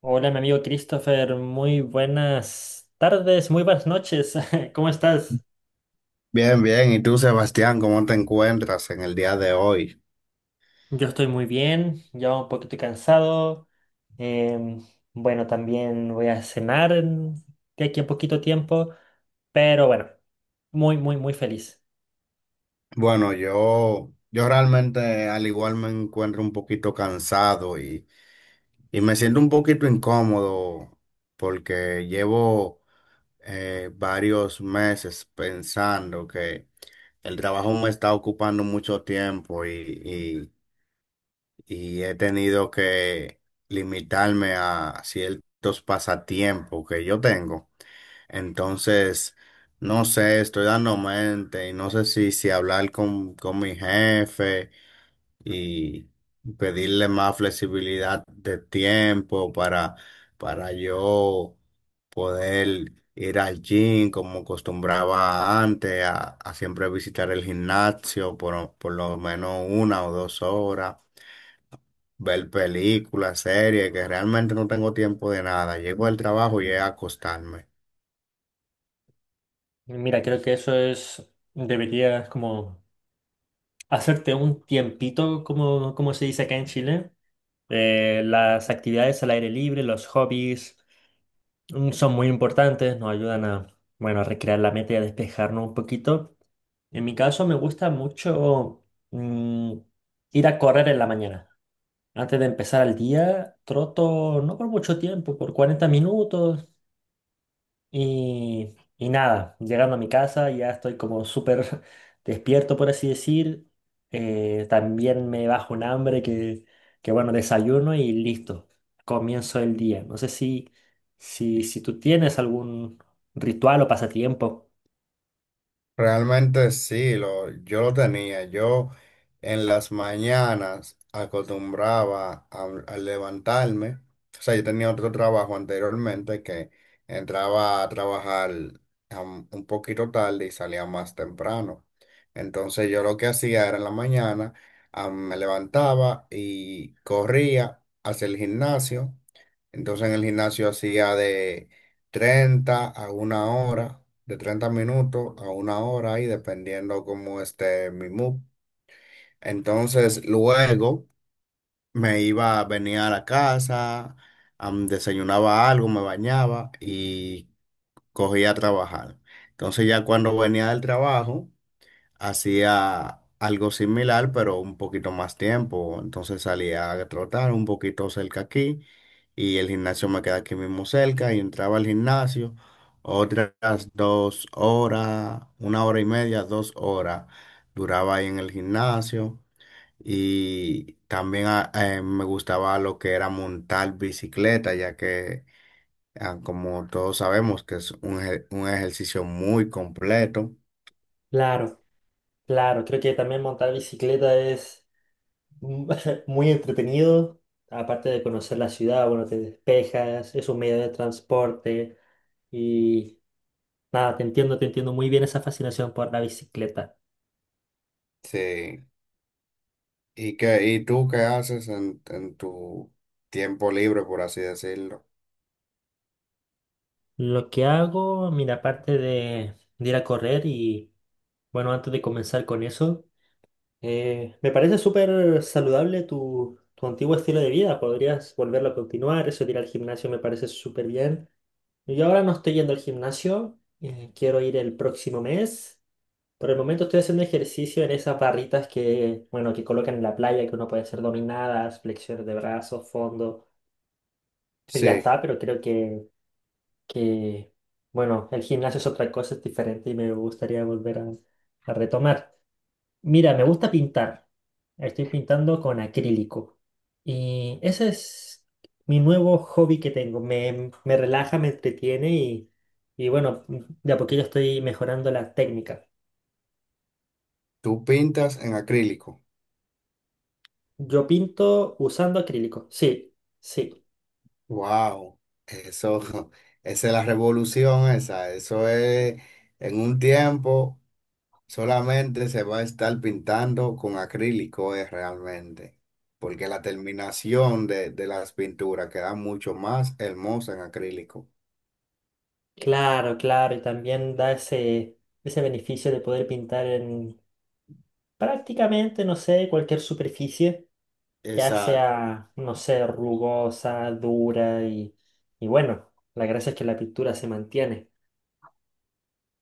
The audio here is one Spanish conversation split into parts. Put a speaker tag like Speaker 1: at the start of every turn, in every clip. Speaker 1: Hola, mi amigo Christopher, muy buenas tardes, muy buenas noches. ¿Cómo estás?
Speaker 2: Bien, bien. ¿Y tú, Sebastián, cómo te encuentras en el día de hoy?
Speaker 1: Yo estoy muy bien, ya un poquito cansado. em, bueno, también voy a cenar de aquí a poquito tiempo, pero bueno, muy, muy, muy feliz.
Speaker 2: Bueno, yo realmente al igual me encuentro un poquito cansado y me siento un poquito incómodo porque llevo varios meses pensando que el trabajo me está ocupando mucho tiempo y he tenido que limitarme a ciertos pasatiempos que yo tengo. Entonces, no sé, estoy dando mente y no sé si, si hablar con mi jefe y pedirle más flexibilidad de tiempo para yo poder ir al gym como acostumbraba antes, a siempre visitar el gimnasio por lo menos 1 o 2 horas, ver películas, series, que realmente no tengo tiempo de nada. Llego al trabajo y es a acostarme.
Speaker 1: Mira, creo que eso es, deberías como hacerte un tiempito, como, como se dice acá en Chile. Las actividades al aire libre, los hobbies. Son muy importantes, nos ayudan a, bueno, a recrear la mente y a despejarnos un poquito. En mi caso me gusta mucho mm, ir a correr en la mañana. Antes de empezar el día, troto no por mucho tiempo, por 40 minutos, y nada, llegando a mi casa ya estoy como súper despierto, por así decir. También me bajo un hambre que, bueno, desayuno y listo. Comienzo el día. No sé si tú tienes algún ritual o pasatiempo.
Speaker 2: Realmente sí, yo lo tenía. Yo en las mañanas acostumbraba a levantarme. O sea, yo tenía otro trabajo anteriormente que entraba a trabajar un poquito tarde y salía más temprano. Entonces yo lo que hacía era en la mañana, me levantaba y corría hacia el gimnasio. Entonces en el gimnasio hacía de 30 a 1 hora, de 30 minutos a 1 hora ahí dependiendo cómo esté mi mood. Entonces luego me iba, venía a la casa, desayunaba algo, me bañaba y cogía a trabajar. Entonces ya cuando venía del trabajo hacía algo similar, pero un poquito más tiempo. Entonces salía a trotar un poquito cerca aquí y el gimnasio me queda aquí mismo cerca y entraba al gimnasio otras 2 horas, 1 hora y media, 2 horas duraba ahí en el gimnasio y también me gustaba lo que era montar bicicleta, ya que como todos sabemos que es un ejercicio muy completo.
Speaker 1: Claro, claro. Creo que también montar bicicleta es mu- muy entretenido. Aparte de conocer la ciudad, bueno, te despejas, es un medio de transporte. Nada, te entiendo muy bien esa fascinación por la bicicleta.
Speaker 2: Sí. ¿Y qué, y tú qué haces en tu tiempo libre, por así decirlo?
Speaker 1: Lo que hago, mira, aparte de ir a correr y, bueno, antes de comenzar con eso, me parece súper saludable tu antiguo estilo de vida. Podrías volverlo a continuar, eso de ir al gimnasio me parece súper bien. Yo ahora no estoy yendo al gimnasio, quiero ir el próximo mes. Por el momento estoy haciendo ejercicio en esas barritas que, bueno, que colocan en la playa, que uno puede hacer dominadas, flexiones de brazos, fondo. Y ya
Speaker 2: Sí,
Speaker 1: está, pero creo que bueno, el gimnasio es otra cosa, es diferente y me gustaría volver a retomar. Mira, me gusta pintar. Estoy pintando con acrílico. Y ese es mi nuevo hobby que tengo. Me relaja, me entretiene y bueno, de a poquillo estoy mejorando la técnica.
Speaker 2: tú pintas en acrílico.
Speaker 1: Yo pinto usando acrílico. Sí, sí.
Speaker 2: Wow, eso, esa es la revolución esa. Eso es, en un tiempo solamente se va a estar pintando con acrílico, es realmente. Porque la terminación de las pinturas queda mucho más hermosa en acrílico.
Speaker 1: Claro, claro. Y también da ese, ese beneficio de poder pintar en prácticamente, no sé, cualquier superficie. Ya
Speaker 2: Exacto.
Speaker 1: sea, no sé, rugosa, dura y bueno, la gracia es que la pintura se mantiene.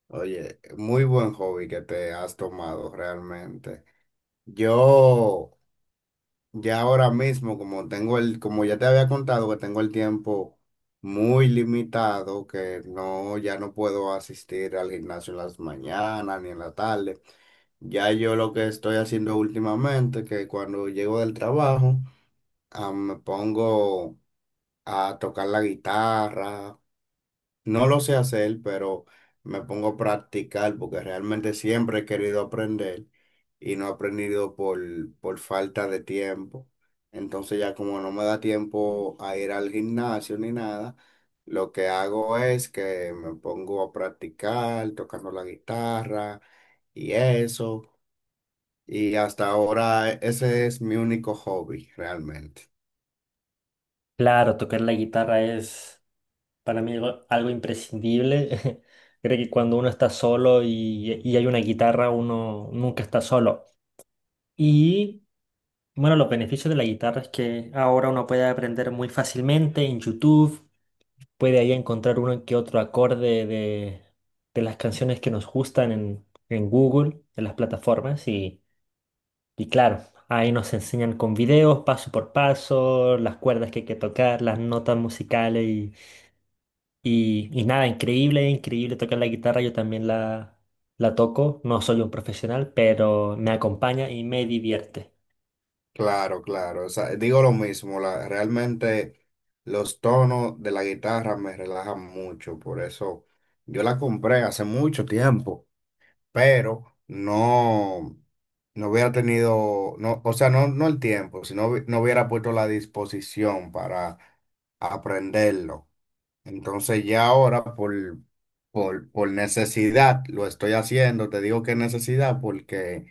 Speaker 2: Oye, muy buen hobby que te has tomado realmente. Yo ya ahora mismo, como tengo como ya te había contado que tengo el tiempo muy limitado, que no, ya no puedo asistir al gimnasio en las mañanas ni en la tarde. Ya yo lo que estoy haciendo últimamente, que cuando llego del trabajo, me pongo a tocar la guitarra, no lo sé hacer, pero me pongo a practicar porque realmente siempre he querido aprender y no he aprendido por falta de tiempo. Entonces ya como no me da tiempo a ir al gimnasio ni nada, lo que hago es que me pongo a practicar tocando la guitarra y eso. Y hasta ahora ese es mi único hobby realmente.
Speaker 1: Claro, tocar la guitarra es para mí algo, algo imprescindible. Creo que cuando uno está solo y hay una guitarra, uno nunca está solo. Y bueno, los beneficios de la guitarra es que ahora uno puede aprender muy fácilmente en YouTube, puede ahí encontrar uno que otro acorde de las canciones que nos gustan en Google, en las plataformas y... Y claro, ahí nos enseñan con videos, paso por paso, las cuerdas que hay que tocar, las notas musicales y nada, increíble, increíble tocar la guitarra. Yo también la toco, no soy un profesional, pero me acompaña y me divierte.
Speaker 2: Claro, claro. O sea, digo lo mismo, realmente los tonos de la guitarra me relajan mucho, por eso yo la compré hace mucho tiempo, pero no, no hubiera tenido, no, o sea, no, no el tiempo, sino no hubiera puesto la disposición para aprenderlo. Entonces ya ahora por necesidad lo estoy haciendo. Te digo que necesidad porque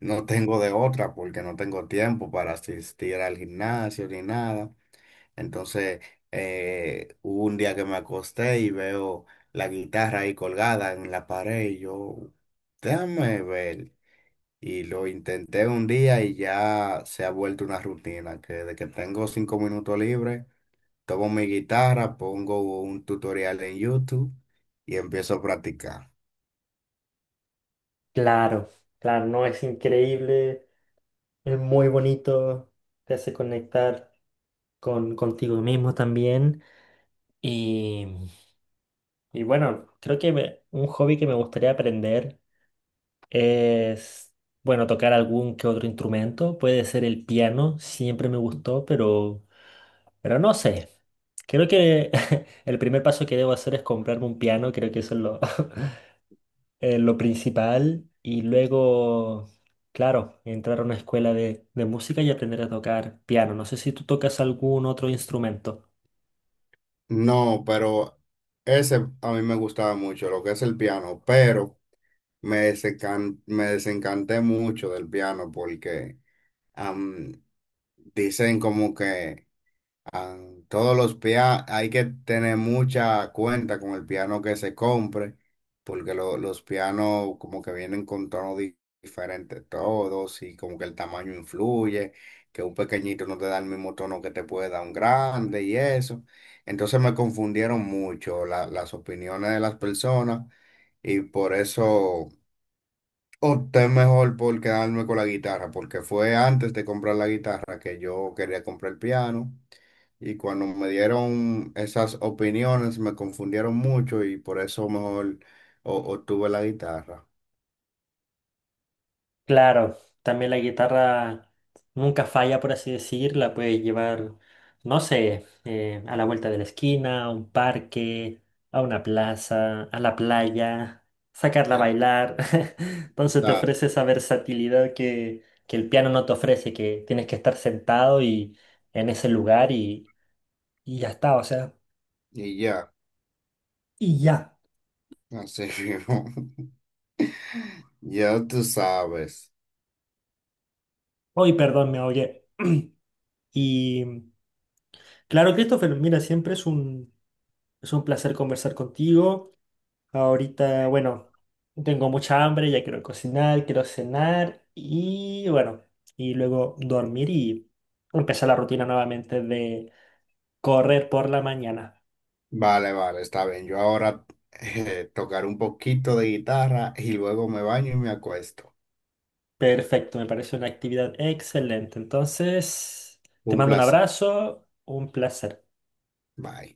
Speaker 2: no tengo de otra, porque no tengo tiempo para asistir al gimnasio ni nada. Entonces hubo un día que me acosté y veo la guitarra ahí colgada en la pared y yo, déjame ver. Y lo intenté un día y ya se ha vuelto una rutina, que de que tengo 5 minutos libres. Tomo mi guitarra, pongo un tutorial en YouTube y empiezo a practicar.
Speaker 1: Claro, claro, no es increíble, es muy bonito, te hace conectar contigo mismo también. Y, y bueno, creo que un hobby que me gustaría aprender. Es, bueno, tocar algún que otro instrumento. Puede ser el piano, siempre me gustó, pero no sé. Creo que el primer paso que debo hacer es comprarme un piano, creo que eso es lo, lo principal. Y luego, claro, entrar a una escuela de música y aprender a tocar piano. No sé si tú tocas algún otro instrumento.
Speaker 2: No, pero ese a mí me gustaba mucho, lo que es el piano, pero me desencanté mucho del piano porque am, dicen como que ah, todos los pianos, hay que tener mucha cuenta con el piano que se compre, porque los pianos como que vienen con tonos diferentes todos y como que el tamaño influye, que un pequeñito no te da el mismo tono que te puede dar un grande y eso. Entonces me confundieron mucho las opiniones de las personas y por eso... Opté mejor por quedarme con la guitarra, porque fue antes de comprar la guitarra que yo quería comprar el piano. Y cuando me dieron esas opiniones me confundieron mucho y por eso mejor obtuve la guitarra.
Speaker 1: Claro, también la guitarra nunca falla, por así decir, la puedes llevar, no sé, a la vuelta de la esquina, a un parque, a una plaza, a la playa, sacarla a bailar. Entonces te
Speaker 2: Está,
Speaker 1: ofrece esa versatilidad que el piano no te ofrece, que tienes que estar sentado y en ese lugar y ya está, o sea,
Speaker 2: y ya,
Speaker 1: y ya.
Speaker 2: así mismo. Ya tú sabes.
Speaker 1: Hoy, perdón, me oye. Y claro, Christopher, mira, siempre es un placer conversar contigo. Ahorita, bueno, tengo mucha hambre, ya quiero cocinar, quiero cenar y bueno, y luego dormir y empezar la rutina nuevamente de correr por la mañana.
Speaker 2: Vale, vale, está bien. Yo ahora tocaré un poquito de guitarra y luego me baño y me acuesto.
Speaker 1: Perfecto, me parece una actividad excelente. Entonces, te
Speaker 2: Un
Speaker 1: mando un
Speaker 2: placer.
Speaker 1: abrazo, un placer.
Speaker 2: Bye.